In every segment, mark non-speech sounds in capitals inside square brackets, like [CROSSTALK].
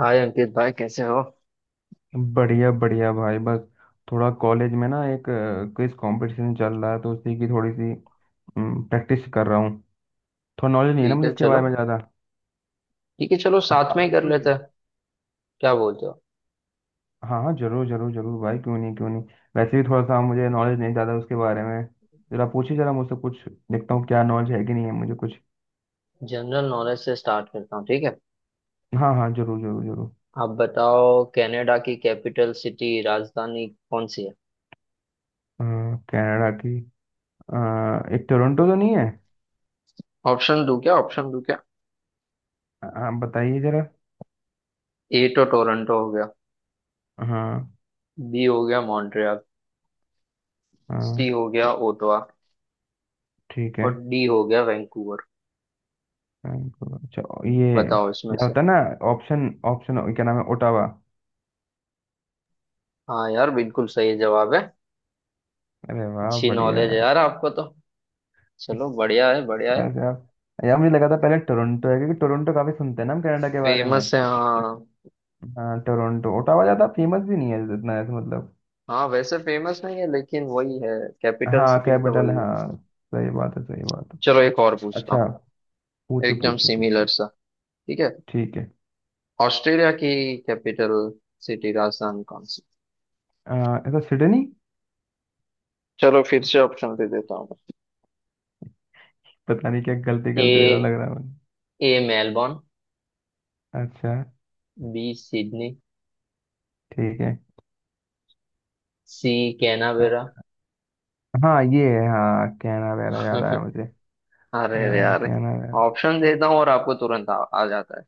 हाय अंकित भाई, कैसे हो। बढ़िया बढ़िया भाई, बस थोड़ा कॉलेज में ना एक क्विज कंपटीशन चल रहा है, तो उसी की थोड़ी सी प्रैक्टिस कर रहा हूँ। थोड़ा नॉलेज नहीं है ना ठीक मुझे है इसके चलो। बारे में ज़्यादा। ठीक है चलो, आप साथ में आप ही भी कर करोगे? लेते हैं। क्या बोलते हो? हाँ हाँ जरूर जरूर जरूर भाई, क्यों नहीं, क्यों नहीं। वैसे भी थोड़ा सा मुझे नॉलेज नहीं ज़्यादा उसके बारे में। जरा पूछिए जरा मुझसे कुछ। देखता हूँ क्या नॉलेज है कि नहीं है मुझे कुछ। जनरल नॉलेज से स्टार्ट करता हूँ, ठीक है। हाँ हाँ जरूर जरूर जरूर। आप बताओ, कनाडा की कैपिटल सिटी राजधानी कौन सी है? अ, कनाडा की अ, एक टोरंटो तो नहीं है? ऑप्शन दूं क्या, ऑप्शन दूं क्या? आप बताइए जरा। ए तो टोरंटो हो गया, हाँ। बी हो गया मॉन्ट्रियल, सी हाँ। हो गया ओटावा ठीक है। और डी हो गया वैंकूवर। फ्रैंकफर्ट, अच्छा। ये बताओ इसमें क्या से। होता है ना, ऑप्शन ऑप्शन क्या नाम है, ओटावा। हाँ यार, बिल्कुल सही जवाब है। अरे वाह, अच्छी बढ़िया नॉलेज है यार। यार आपको तो। चलो बढ़िया है बढ़िया है। बस यार यार, मुझे लगा था पहले टोरंटो है, क्योंकि टोरंटो काफी सुनते हैं ना हम कनाडा के बारे में। फेमस है, हाँ। हाँ, टोरंटो, ओटावा ज्यादा फेमस भी नहीं है इतना, ऐसे, मतलब। हाँ वैसे फेमस नहीं है, लेकिन वही है। कैपिटल हाँ सिटी तो कैपिटल, वही है। हाँ। सही बात है, सही बात है। चलो एक और पूछता अच्छा। हूँ। पूछे एकदम पूछे पूछे। सिमिलर सा। ठीक है। ठीक है। ऑस्ट्रेलिया की कैपिटल सिटी राजधानी कौन सी? आ, ऐसा, सिडनी। चलो फिर से ऑप्शन दे देता हूँ। पता नहीं क्या गलती ए, गलती दे रहा हूँ, लग रहा है मुझे। ए मेलबोर्न, अच्छा, बी सिडनी, ठीक है। सी अ, कैनबेरा। हाँ ये है, हाँ, कैनावेरा याद आया मुझे। [LAUGHS] अरे। अरे यार। कैनावेरा। ऑप्शन देता हूँ और आपको तुरंत आ जाता है।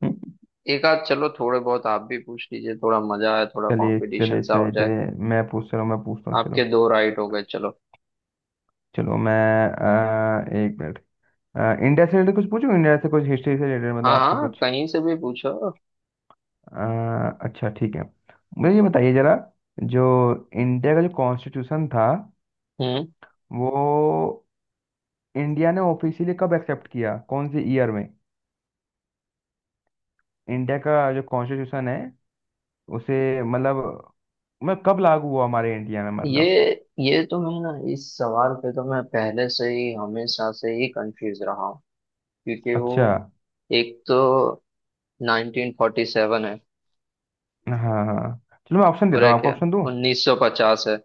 [LAUGHS] एक आध चलो, थोड़े बहुत आप भी पूछ लीजिए, थोड़ा मजा आए, थोड़ा चलिए कंपटीशन चलिए सा चलिए हो जाए। चलिए। मैं पूछ रहा हूँ, मैं पूछता हूँ, आपके चलो। दो राइट हो गए, चलो। चलो मैं, एक मिनट। अ, इंडिया से रिलेटेड कुछ पूछूं, इंडिया से कुछ हिस्ट्री से रिलेटेड, मतलब हाँ आपसे हाँ, कुछ। कहीं से भी पूछो। अच्छा, ठीक है। मुझे ये बताइए जरा, जो इंडिया का जो कॉन्स्टिट्यूशन था हम्म। वो इंडिया ने ऑफिशियली कब एक्सेप्ट किया, कौन से ईयर में? इंडिया का जो कॉन्स्टिट्यूशन है उसे, मतलब, मतलब कब लागू हुआ हमारे इंडिया में, ये मतलब। ये तो मैं ना, इस सवाल पे तो मैं पहले से ही हमेशा से ही कंफ्यूज रहा हूँ। क्योंकि वो, अच्छा। एक तो 1947 है हाँ हाँ हाँ। चलो मैं ऑप्शन और देता हूँ एक आपको, है ऑप्शन दूँ? 1950 है।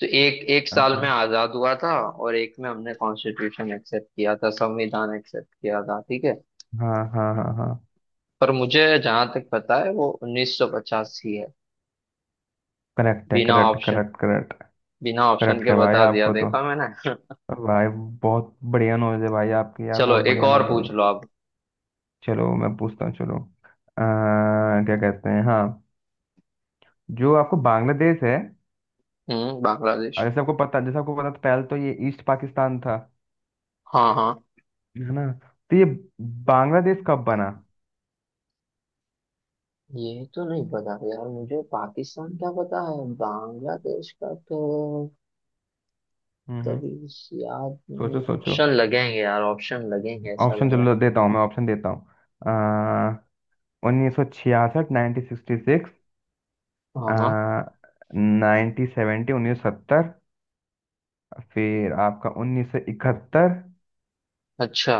तो एक एक साल में अच्छा। आजाद हुआ था और एक में हमने कॉन्स्टिट्यूशन एक्सेप्ट किया था, संविधान एक्सेप्ट किया था, ठीक है। हाँ हाँ हाँ हाँ। पर मुझे जहां तक पता है वो 1950 ही है। करेक्ट है, बिना करेक्ट, ऑप्शन, करेक्ट, करेक्ट। बिना ऑप्शन करेक्ट के है भाई बता दिया, आपको तो। देखा मैंने। भाई, बहुत बढ़िया नॉलेज है भाई आपकी [LAUGHS] यार, चलो बहुत एक बढ़िया और नॉलेज है। पूछ लो आप। चलो मैं पूछता हूँ, चलो। क्या कहते हैं, हाँ, जो आपको बांग्लादेश है, हम्म, बांग्लादेश। और जैसे आपको पता था, पहले तो ये ईस्ट पाकिस्तान था, हाँ हाँ। है ना? तो ये बांग्लादेश कब बना? ये तो नहीं पता यार मुझे, पाकिस्तान का पता है, बांग्लादेश का तो हम्म, हम्म। कभी याद सोचो नहीं। सोचो। ऑप्शन लगेंगे यार, ऑप्शन लगेंगे, ऐसा ऑप्शन लग रहा है। चलो देता हूँ, मैं ऑप्शन देता हूँ। 1966, 1966, हाँ हाँ। 1970, 1970, फिर आपका 1971। अच्छा,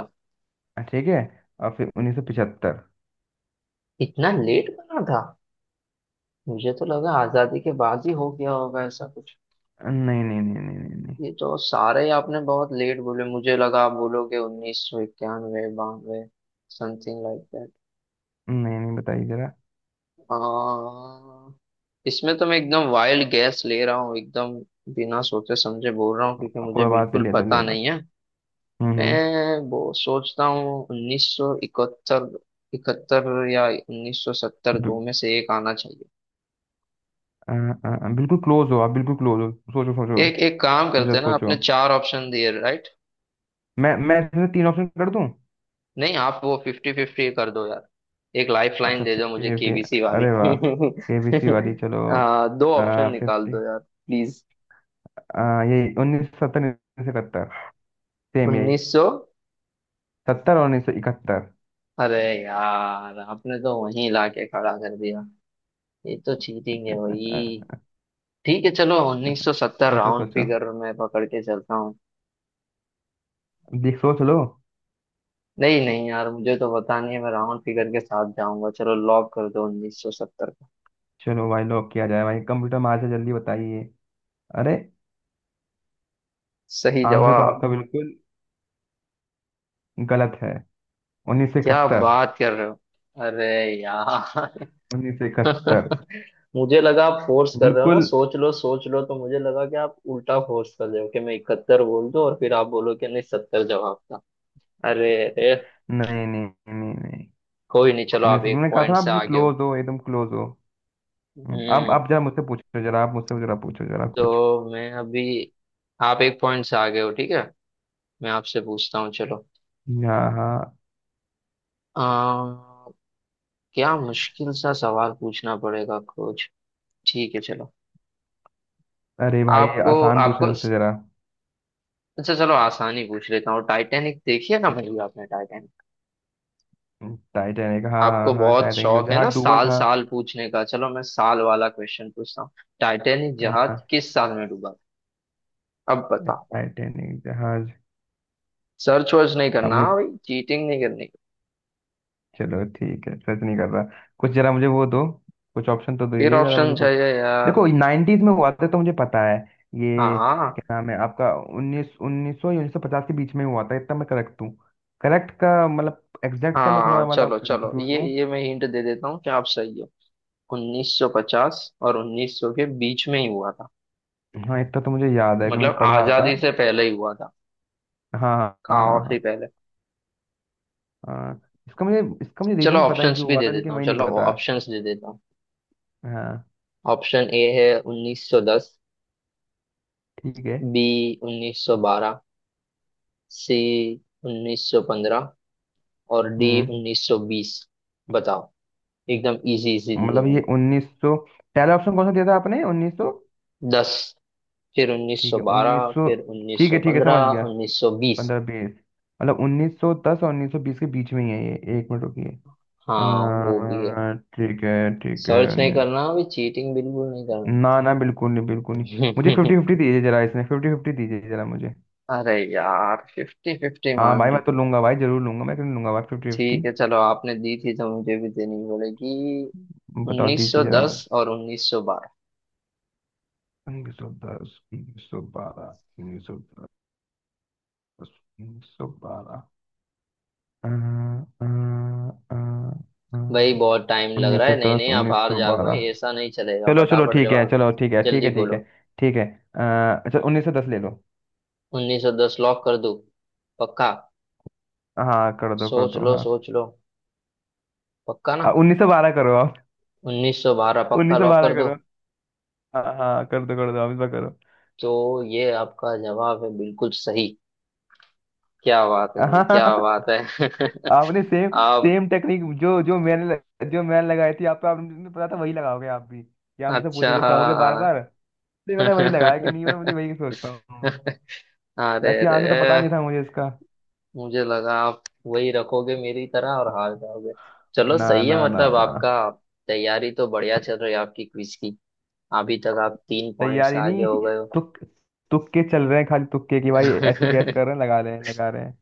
ठीक है। और फिर 1975। इतना लेट बना था। मुझे तो लगा आजादी के बाद ही हो गया होगा, ऐसा कुछ। नहीं नहीं नहीं नहीं नहीं। ये तो सारे ही आपने बहुत लेट बोले, मुझे लगा आप बोलोगे 1991-92, समथिंग लाइक नहीं नहीं नहीं, बताइए जरा। दैट। इसमें तो मैं एकदम वाइल्ड गैस ले रहा हूँ, एकदम बिना सोचे समझे बोल रहा हूँ, क्योंकि मुझे कोई बात नहीं, बिल्कुल ले दो ले पता दो। नहीं है। हम्म, हम्म। मैं वो सोचता हूँ 1971, इकहत्तर या 1970, बि- दो में से एक आना चाहिए। अ, अ, अ, बिल्कुल क्लोज हो आप, बिल्कुल क्लोज हो, सोचो सोचो। एक एक काम सोचो करते हैं ना, सोचो। आपने चार ऑप्शन दिए, राइट। मैं इसमें तीन ऑप्शन कर दूं? नहीं आप वो फिफ्टी फिफ्टी कर दो यार, एक लाइफ लाइन अच्छा, दे दो फिफ्टी मुझे फिफ्टी। केबीसी वाली। अरे वाह, केबीसी वाली, [LAUGHS] चलो। दो ऑप्शन निकाल फिफ्टी, दो यार प्लीज। यही 1970, 1971, सेम यही उन्नीस सौ, सत्तर और 1971। अरे यार आपने तो वहीं लाके खड़ा कर दिया। ये तो चीटिंग है भाई। सोचो ठीक है चलो 1970 राउंड सोचो। फिगर में पकड़ के चलता हूँ। देख, सोच लो। नहीं नहीं यार, मुझे तो पता नहीं है, मैं राउंड फिगर के साथ जाऊंगा, चलो लॉक कर दो 1970 का। चलो भाई, लॉक किया जाए भाई, कंप्यूटर महाराज जल्दी बताइए। अरे, सही आंसर तो आपका जवाब? बिल्कुल गलत है, उन्नीस सौ क्या इकहत्तर बात कर रहे हो! अरे यार। 1971। [LAUGHS] मुझे लगा आप फोर्स कर रहे हो ना, बिल्कुल। सोच लो सोच लो, तो मुझे लगा कि आप उल्टा फोर्स कर रहे हो कि मैं इकहत्तर बोल दूं और फिर आप बोलो कि नहीं सत्तर जवाब था। अरे अरे। नहीं नहीं। नहीं नहीं। कोई नहीं, चलो आप उन्नीस, एक मैंने कहा था, पॉइंट आप से बिल्कुल आगे हो। क्लोज हो, एकदम क्लोज हो। अब हम्म। आप जरा मुझसे पूछो, जरा आप मुझसे जरा पूछो जरा कुछ। तो मैं अभी, आप एक पॉइंट से आगे हो, ठीक है। मैं आपसे पूछता हूँ, चलो। हाँ हाँ। आ, क्या मुश्किल सा सवाल पूछना पड़ेगा कुछ। ठीक है चलो। अरे भाई आपको आसान पूछना आपको मुझसे जरा। अच्छा, चलो आसानी पूछ लेता हूँ। टाइटैनिक देखिए ना भाई, आपने टाइटैनिक, टाइटैनिक, हाँ। हाँ आपको हाँ, बहुत टाइटैनिक जो शौक है जहाज ना डूबा साल था। साल पूछने का, चलो मैं साल वाला क्वेश्चन पूछता हूँ। टाइटैनिक जहाज हाँ। किस साल में डूबा था? अब बताओ। टाइटैनिक जहाज। सर्च वर्च नहीं अब करना मुझे, हाँ भाई, चीटिंग नहीं करनी। चलो ठीक है, सर्च नहीं कर रहा कुछ। जरा मुझे वो दो, कुछ ऑप्शन तो फिर दीजिए जरा मुझे ऑप्शन कुछ। चाहिए यार। देखो नाइन्टीज में हुआ था, तो मुझे पता है हाँ ये। हाँ। क्या नाम है आपका, उन्नीस, उन्नीस सौ या 1950 के बीच में हुआ था इतना मैं करेक्ट हूँ। करेक्ट का मतलब एग्जैक्ट का मैं थोड़ा हाँ चलो मतलब चलो, कंफ्यूज ये हूँ। ये मैं हिंट दे देता हूँ कि आप सही हो। 1950 और 1900 के बीच में ही हुआ था। हाँ इतना तो मुझे याद है कि मैंने मतलब पढ़ा था। आजादी से पहले ही हुआ था, हाँ। हाँ काफी हाँ पहले। हाँ हाँ। इसका मुझे चलो रीजन पता है ऑप्शंस क्यों भी हुआ दे था, लेकिन देता हूँ, वही नहीं चलो पता। ऑप्शंस दे देता हूँ। हाँ। ऑप्शन ए है 1910, ठीक है। बी 1912, सी 1915 और डी हम्म। 1920। बताओ। एकदम इजी इजी दिए मतलब ये मैंने। उन्नीस सौ, पहला ऑप्शन कौन सा दिया था आपने? उन्नीस सौ, दस, फिर ठीक है। उन्नीस 1912, सौ, फिर ठीक है, ठीक है समझ 1915, गया। 1920। 15, 20, मतलब 1910 और 1920 के बीच में ही है ये। एक मिनट रुकिए। हाँ वो भी है। ठीक है, ठीक है। सर्च नहीं करना अभी, चीटिंग बिल्कुल नहीं करना। ना ना, बिल्कुल नहीं, बिल्कुल नहीं। मुझे फिफ्टी फिफ्टी [LAUGHS] दीजिए जरा, इसमें फिफ्टी फिफ्टी दीजिए जरा मुझे। अरे यार फिफ्टी फिफ्टी हाँ मान भाई मैं ली। तो लूंगा भाई, जरूर लूंगा, मैं क्यों नहीं लूंगा भाई फिफ्टी ठीक फिफ्टी। है चलो, आपने दी थी तो मुझे भी देनी पड़ेगी। बताओ, दीजिए जरा मुझे 1910 और 1912। 1910, 1912, 1910, उन्नीस सौ बारह, भाई बहुत टाइम लग उन्नीस रहा सौ है, नहीं दस, नहीं आप उन्नीस हार सौ जाओगे, बारह। ऐसा नहीं चलेगा, चलो चलो फटाफट ठीक है, जवाब। चलो ठीक है, ठीक जल्दी है, ठीक है। बोलो। ठीक है। अच्छा, 1910 ले लो। 1910 लॉक कर दूं? पक्का? हाँ कर दो कर सोच दो, लो हाँ। सोच लो, पक्का ना? 1912 करो आप। 1912 [LAUGHS] पक्का उन्नीस सौ लॉक बारह कर दो? करो। हाँ हाँ, कर दो कर दो, आप इस बार करो। तो ये आपका जवाब है, बिल्कुल सही। क्या बात है [LAUGHS] भाई, क्या हाँ। बात है। आपने सेम, [LAUGHS] आप, सेम टेक्निक जो जो मैंने ल- जो मैंने लगाई थी आप पे, आपने पता था वही लगाओगे आप भी, या मुझसे अच्छा पूछोगे, कहोगे बार हाँ। बार। इसलिए मैंने वही लगाया, कि [LAUGHS] नहीं मैं मुझे वही सोचता हूँ। अरे वैसे अरे। आंसर तो पता नहीं था मुझे इसका। मुझे लगा आप वही रखोगे मेरी तरह और हार जाओगे। चलो ना सही है, ना ना मतलब ना। आपका तैयारी तो बढ़िया चल रही है आपकी क्विज की। अभी तक आप तीन पॉइंट्स तैयारी आगे नहीं, हो गए हो। [LAUGHS] तुक तुक्के चल रहे हैं खाली, तुक्के की भाई, ऐसी गैस नहीं कर रहे हैं, लगा रहे हैं लगा रहे हैं।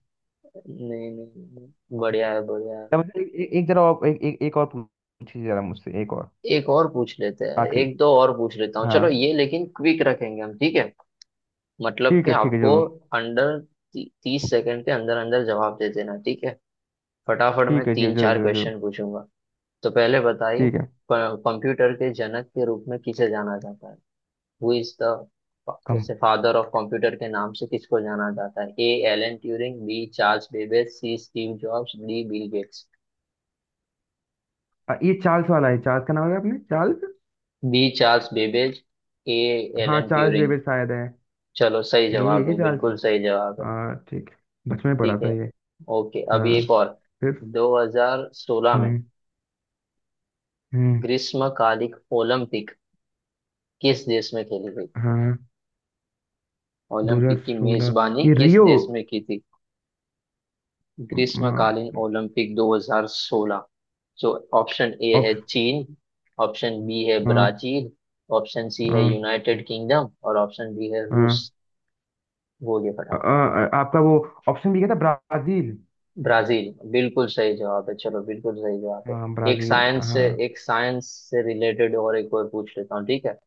नहीं नहीं, बढ़िया है बढ़िया है। तो मतलब एक, एक, एक जरा और, एक, एक, एक और पूछिए जरा मुझसे एक और। एक और पूछ लेते हैं, आखिरी, एक दो और पूछ लेता हूँ हाँ। चलो, ये लेकिन क्विक रखेंगे हम, ठीक है। मतलब ठीक कि है, ठीक है आपको जरूर। अंडर 30 सेकंड के अंदर अंदर जवाब दे देना, ठीक है। फटाफट मैं ठीक है जी, तीन जरूर चार जरूर जरूर। क्वेश्चन पूछूंगा। तो पहले बताइए, ठीक है। कंप्यूटर के जनक के रूप में किसे जाना जाता है? हु इज द, कम। जैसे फादर ऑफ कंप्यूटर के नाम से किसको जाना जाता है? A Alan Turing, B Charles Babbage, C Steve Jobs, D Bill gets. ये चार्ल्स वाला है, चार्ल्स का नाम है, आपने Charles. B Charles Babbage, A हाँ, एलन चार्ल्स ट्यूरिंग। बेबेज शायद है। चलो सही यही है जवाब क्या, है, चार्ल्स? बिल्कुल सही जवाब है। हाँ, ठीक है। बचपन में पढ़ा ठीक था है। ये। ओके, अभी हाँ। एक और। फिर। 2016 में हम्म, हम्म। ग्रीष्मकालिक ओलंपिक किस देश में खेली गई? हाँ। दो हजार ओलंपिक की मेजबानी सोलह ये किस रियो। देश में की थी? म- म- ग्रीष्मकालीन ओलंपिक 2016, जो ऑप्शन ए है ऑप्श चीन, ऑप्शन बी है हाँ। ब्राजील, ऑप्शन सी है हाँ। यूनाइटेड किंगडम और ऑप्शन डी है रूस। हाँ। बोलिए फटाफट। आपका वो ऑप्शन भी क्या था, ब्राजील? ब्राजील बिल्कुल सही जवाब है, चलो बिल्कुल सही जवाब है। हाँ, एक ब्राजील, साइंस से, हाँ। एक साइंस से रिलेटेड और एक और पूछ लेता हूँ, ठीक है।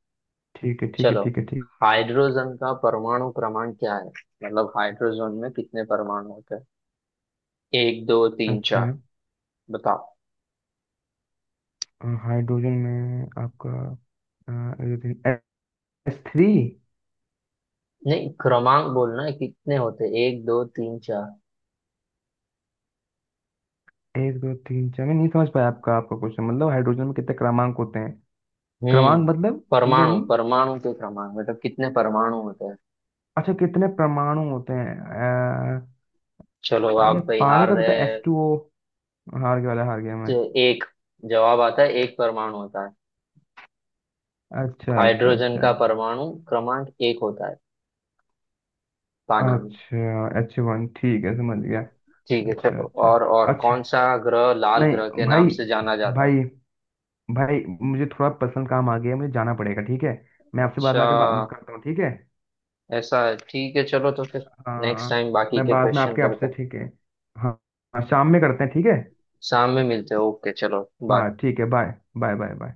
ठीक है, ठीक है, चलो। ठीक है, ठीक है, ठीक हाइड्रोजन का परमाणु क्रमांक क्या है? मतलब हाइड्रोजन में कितने परमाणु होते हैं? एक, दो, है। तीन, अच्छा। चार? बताओ। हाइड्रोजन में आपका S3। नहीं, क्रमांक बोलना है, कितने होते हैं? एक, दो, तीन, चार? एक दो तीन चार, मैं नहीं समझ पाया आपका, आपका क्वेश्चन, मतलब हाइड्रोजन में कितने क्रमांक होते हैं? हम्म। क्रमांक मतलब समझा परमाणु, नहीं। परमाणु के क्रमांक मतलब कितने परमाणु होते हैं। अच्छा, कितने परमाणु होते हैं। चलो आप ये भाई पानी हार का पता, रहे। H2O। हार गया वाला, हार गया मैं। तो एक जवाब आता है, एक परमाणु होता है। अच्छा अच्छा हाइड्रोजन अच्छा। का परमाणु क्रमांक एक होता है, पानी में। अच्छा, H1, ठीक है समझ गया। ठीक है अच्छा चलो। अच्छा और अच्छा। कौन सा ग्रह लाल ग्रह नहीं के नाम भाई, से जाना जाता है? भाई, भाई मुझे थोड़ा पर्सनल काम आ गया है, मुझे जाना पड़ेगा, ठीक है। मैं आपसे बाद अच्छा, में आके बात करता हूँ, ठीक है। ऐसा है। ठीक है चलो, तो फिर नेक्स्ट हाँ। टाइम बाकी मैं के बाद में क्वेश्चन आपके करते आपसे, हैं। ठीक है। हाँ। हाँ, शाम में करते हैं, ठीक है। शाम में मिलते हैं। ओके चलो हाँ बाय। ठीक है, बाय। Bye bye bye.